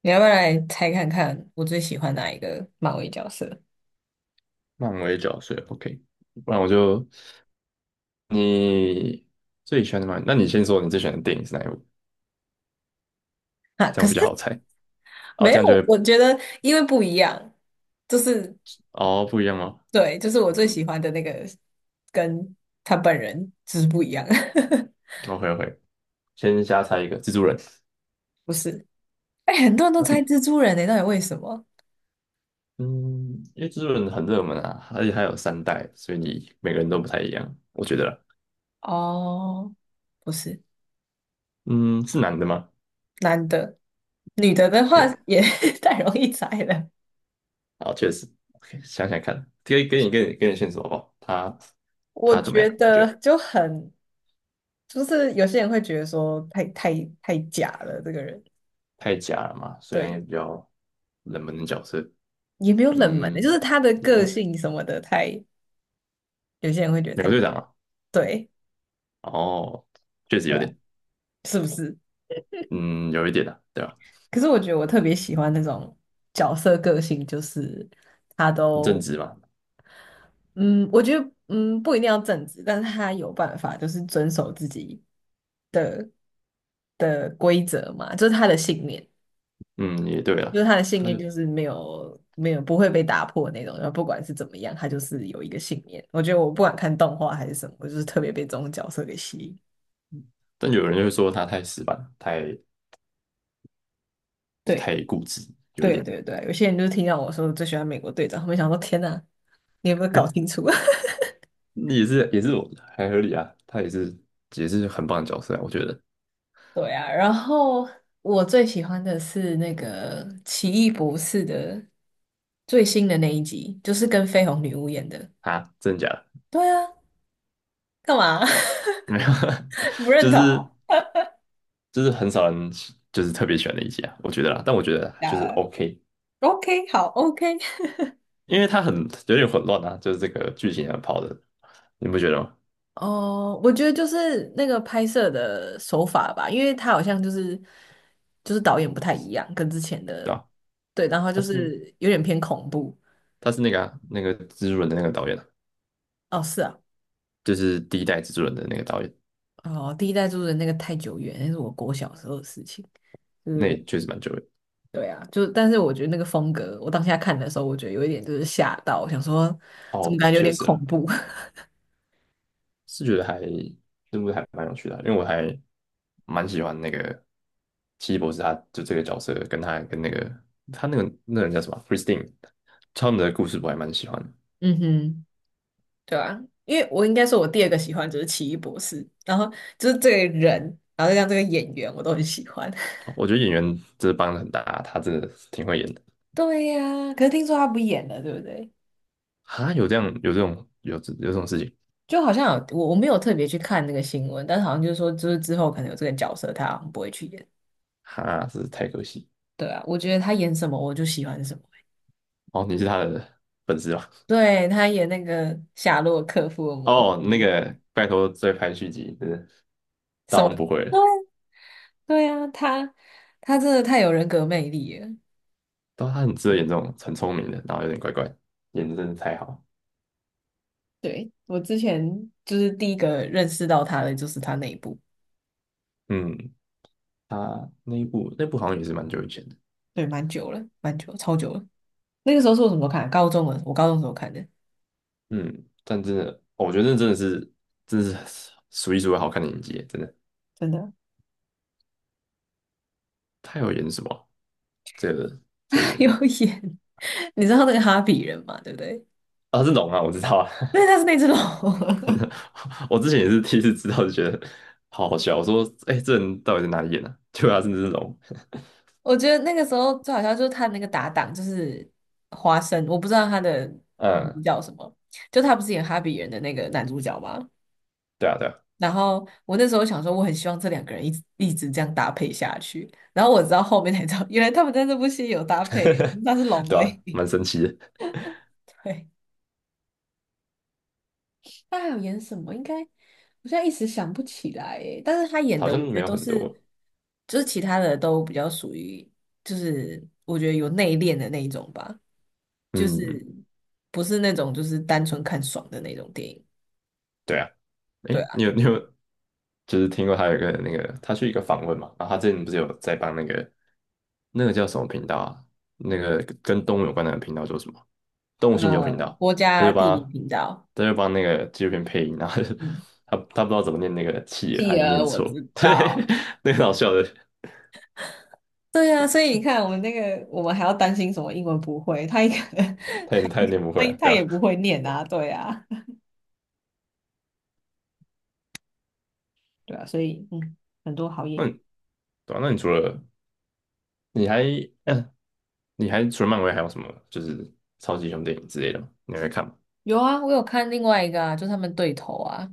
你要不要来猜看看我最喜欢哪一个漫威角色？漫威角色，OK。不然我就你最喜欢的漫，那你先说你最喜欢的电影是哪一部，啊，这可样我比是 较好猜。哦，没这样就有，会我觉得因为不一样，就是哦不一样哦。对，就是我最嗯喜欢的那个跟他本人就是不一样。，OK OK，先瞎猜一个蜘蛛人。不是？哎、很多人都但是猜蜘蛛人呢、到底为什么？嗯，因为蜘蛛人很热门啊，而且它有三代，所以你每个人都不太一样，我觉得啦。哦，不是，嗯，是男的吗男的，女的的话？OK，也 太容易猜了。好，确实，OK，想想看，给你线索好不好？他我他怎么觉样？你觉得得就很，就是有些人会觉得说太假了，这个人，太假了嘛？虽然对。也比较冷门的角色。也没有冷门的，嗯，就是他的也没个有。性什么的太，有些人会觉得美国太队长啊，对，哦，确实对有啊，点。是不是？嗯，有一点啊，对吧？可是我觉得我特别喜欢那种角色个性，就是他很正都，直嘛。嗯，我觉得，嗯，不一定要正直，但是他有办法，就是遵守自己的的规则嘛，就是他的信念，嗯，也对啊。就是他的信他就，念就是没有不会被打破那种，然后不管是怎么样，他就是有一个信念。我觉得我不管看动画还是什么，我就是特别被这种角色给吸引。但有人就会说他太死板，太对。太固执，有一对点。对对，有些人就是听到我说最喜欢美国队长，他们想说天呐，你有没有搞清楚？也是我还合理啊，他也是很棒的角色啊，我觉得。 对啊，然后我最喜欢的是那个《奇异博士》的最新的那一集，就是跟绯红女巫演的。啊，真的假的？对啊，干嘛 没有，不认就同哦？是就是很少人就是特别喜欢的一集啊，我觉得啦，但我觉得就是 OK。o k 好，OK。因为他很有点混乱啊，就是这个剧情啊跑的，你不觉得吗？哦，我觉得就是那个拍摄的手法吧，因为他好像就是就是导演不太一样，跟之前对的吧？对，然后他就是是有点偏恐怖。他是那个啊，那个蜘蛛人的那个导演啊，哦，是啊。就是第一代蜘蛛人的那个导演。哦，第一代住的那个太久远，那是我国小时候的事情。就是那我，也确实蛮久的。对啊，就是，但是我觉得那个风格，我当下看的时候，我觉得有一点就是吓到，我想说怎么哦，感觉有确点实恐了。怖。是觉得还这部还蛮有趣的啊，因为我还蛮喜欢那个奇异博士，他就这个角色跟他跟那个他那个人叫什么啊， Christine。他们的故事我还蛮喜欢的。嗯哼，对啊，因为我应该说，我第二个喜欢就是奇异博士，然后就是这个人，然后再加上这个演员，我都很喜欢。哦，我觉得演员真的帮的很大啊，他真的挺会演的。对呀、可是听说他不演了，对不对？哈，有这样有这种有这有这种事情。就好像有我没有特别去看那个新闻，但是好像就是说，就是之后可能有这个角色，他好像不会去演。哈，真是太可惜。对啊，我觉得他演什么我就喜欢什么。哦，你是他的粉丝吧？对，他演那个夏洛克·福尔摩哦，那斯，个拜托再拍续集，真的什大么？王不会了。对啊，他真的太有人格魅力了。但他很值得演这种很聪明的，然后有点怪怪，演的真的太好。对，我之前就是第一个认识到他的就是他那一部，嗯，他那一部那部好像也是蛮久以前的。对，蛮久了，蛮久了，超久了。那个时候是我什么时候看高中了，我高中时候看的，嗯，但真的，哦我觉得那真的是数一数二好看的演技，真的。真的。他有演什么啊，这个 这个他演有员？演，你知道那个哈比人嘛？对不对？啊，是龙啊，我知道啊。对，他是那只龙。我之前也是第一次知道，就觉得好好笑。我说，哎、这人到底在哪里演的、啊？结果他真的是龙。我觉得那个时候最好笑就是他那个搭档就是花生，我不知道他的 名嗯，字叫什么，就他不是演哈比人的那个男主角吗？对啊,对啊。然后我那时候想说，我很希望这两个人一直这样搭配下去。然后我直到后面才知道，原来他们在这部戏有搭配，那是龙对而啊，已。蛮神奇的。对。他还有演什么？应该我现在一时想不起来耶。但是他演好的，我像觉没得有都很是，多。就是其他的都比较属于，就是我觉得有内敛的那一种吧，就嗯，是不是那种就是单纯看爽的那种电影。对啊，对诶，啊，你有对你有就是听过他有一个那个，他去一个访问嘛，然后他之前不是有在帮那个那个叫什么频道啊？那个跟动物有关的频道叫什么？动物星球频道。国他家就地理帮频道，他就帮那个纪录片配音，然后他就 嗯，他不知道怎么念那个企鹅，还继是念而我错，知 对，道。那个很好笑的。对啊，所以你看，我们那个，我们还要担心什么英文不会？他一个 他也念不 他会啊，他对吧、也不啊。会念啊，对啊，对啊，所以嗯，很多好演那员。你对啊，那你除了你还，嗯？你还除了漫威还有什么就是超级英雄电影之类的吗？你会看吗？有啊，我有看另外一个啊，就他们对头啊，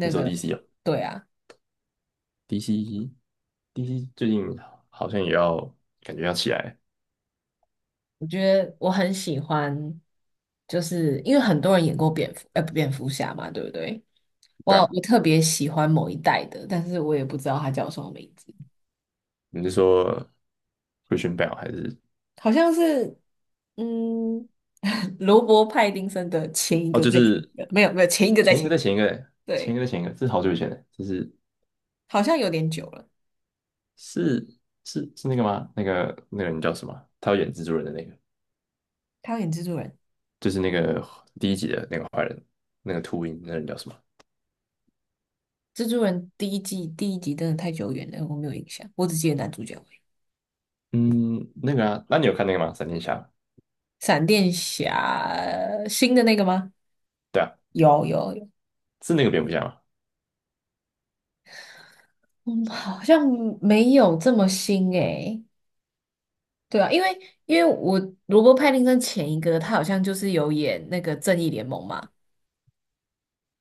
你说 个，DC 哦对啊，，DC DC 最近好像也要感觉要起来。我觉得我很喜欢，就是因为很多人演过蝙蝠，蝙蝠侠嘛，对不对？对我啊，我特别喜欢某一代的，但是我也不知道他叫什么名字，你是说 Christian Bale 还是？好像是，嗯，罗伯·派丁森的前一哦？个，就在前是一个，没有没有前一个在前一前个一再个，前一个嘞。前对，一个再前一个，这是好久以前的，就是好像有点久了，是是那个吗？那个那个人叫什么？他要演蜘蛛人的那个，他有演蜘蛛人，就是那个第一集的那个坏人，那个秃鹰，那个人叫什么？蜘蛛人第一季第一集真的太久远了，我没有印象，我只记得男主角。嗯，那个啊，那你有看那个吗？闪电侠？闪电侠新的那个吗？对啊，有有有，是那个蝙蝠侠吗？嗯，好像没有这么新诶。对啊，因为我罗伯·派丁森前一个他好像就是有演那个《正义联盟》嘛，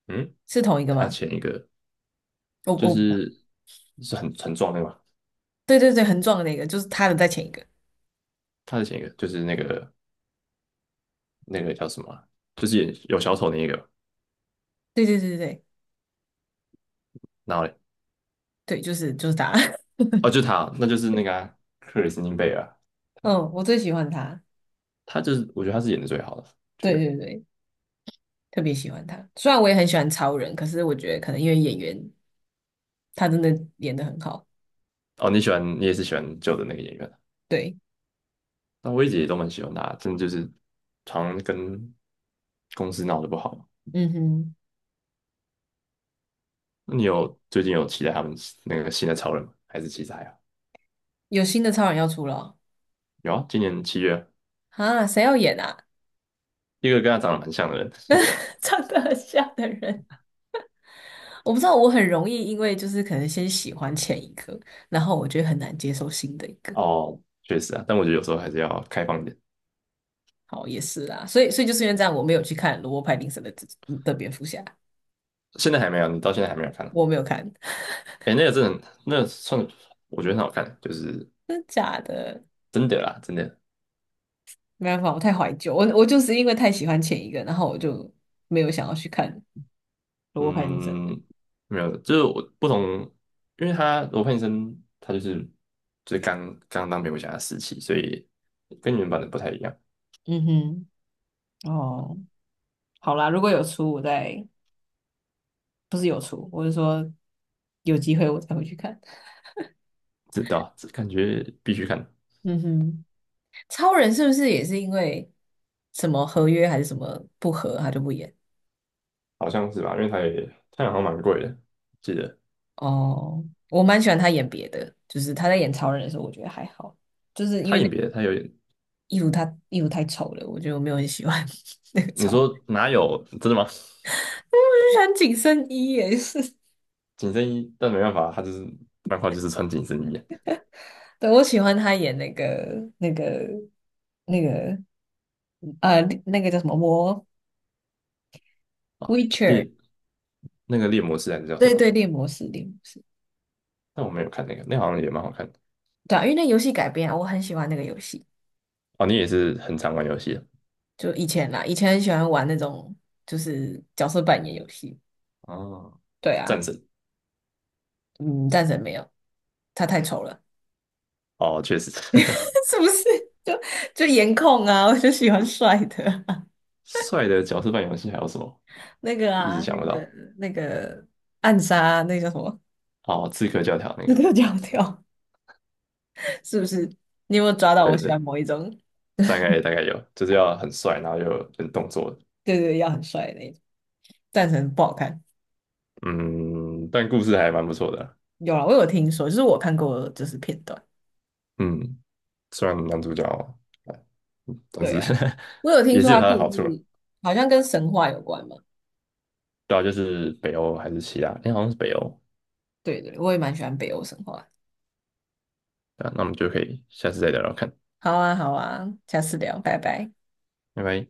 嗯，是同一个他吗？前一个我就我是是很很壮那个嘛。对对对，很壮的那个，就是他的在前一个。他的前一个就是那个那个叫什么啊，就是演有小丑那一个，对对对对对然后嘞？对，就是就是他。哦，就是他哦，那就是那个啊克里斯汀贝尔啊。他嗯，我最喜欢他。他就是我觉得他是演的最好的，觉对得。对对，特别喜欢他。虽然我也很喜欢超人，可是我觉得可能因为演员他真的演得很好。哦，你喜欢你也是喜欢旧的那个演员啊。对，那我一直也都蛮喜欢他，真的就是常常跟公司闹得不好。嗯哼，那你有最近有期待他们那个新的超人吗？还是期待啊？有新的超人要出了哦？有啊，今年7月啊，啊，谁要演啊？一个跟他长得蛮像的人。长得很像的人，我不知道，我很容易因为就是可能先喜欢前一个，然后我觉得很难接受新的一个。哦，确实啊，但我觉得有时候还是要开放一点。好，也是啦，所以就是因为这样，我没有去看罗伯·派丁森的蝙蝠侠，现在还没有，你到现在还没有看。我没有看，哎，那个真的很那个算我觉得很好看，就是 真的假的？真的啦，真的。没办法，我太怀旧，我就是因为太喜欢前一个，然后我就没有想要去看罗伯·派丁森的。嗯，没有，就是我不同，因为他罗汉医生他就是就是刚刚当蝙蝠侠的时期，所以跟原版的不太一样。嗯哼，哦，好啦，如果有出，我再不是有出，我是说有机会我才会去看。知道，这感觉必须看。嗯哼。超人是不是也是因为什么合约还是什么不合，他就不演？好像是吧？因为他也他好像蛮贵的，记得。哦，我蛮喜欢他演别的，就是他在演超人的时候，我觉得还好，就是因他为那演个别的，他有演，衣服他衣服太丑了，我觉得我没有很喜欢 那个你超，我说哪有真的吗？就喜欢紧身衣也是，紧身衣，但没办法，他就是漫画就是穿紧身衣。 对，我喜欢他演那个那个那个那个叫什么魔 啊。Witcher,猎，那个猎魔士还是叫什对么对，啊，猎魔士猎魔士，但我没有看那个，那好像也蛮好看的。对啊，因为那游戏改编啊我很喜欢那个游戏。哦，你也是很常玩游戏的。就以前啦，以前很喜欢玩那种就是角色扮演游戏。哦，对战啊，神。嗯，战神没有，他太丑了，哦，确实。是不是？就就颜控啊，我就喜欢帅的啊帅的角色扮演游戏还有什么？那个一直啊，想那不个到。那个暗杀，那个叫什么？哦，刺客教条 那个。那个叫跳，是不是？你有没有抓到我对喜对，欢某一种？大概有，就是要很帅，然后又有点动作的。对对，要很帅的那种。战神不好看，嗯，但故事还蛮不错的啊。有啦，我有听说，就是我看过就是片段。嗯，虽然男主角，哎但是 对啊，我有听也说是有他他的故好处了。事好像跟神话有关嘛。对啊，就是北欧还是希腊，哎，好像是北欧。对对，我也蛮喜欢北欧神话，对啊，那我们就可以下次再聊聊看。好啊，好啊，下次聊，拜拜。拜拜。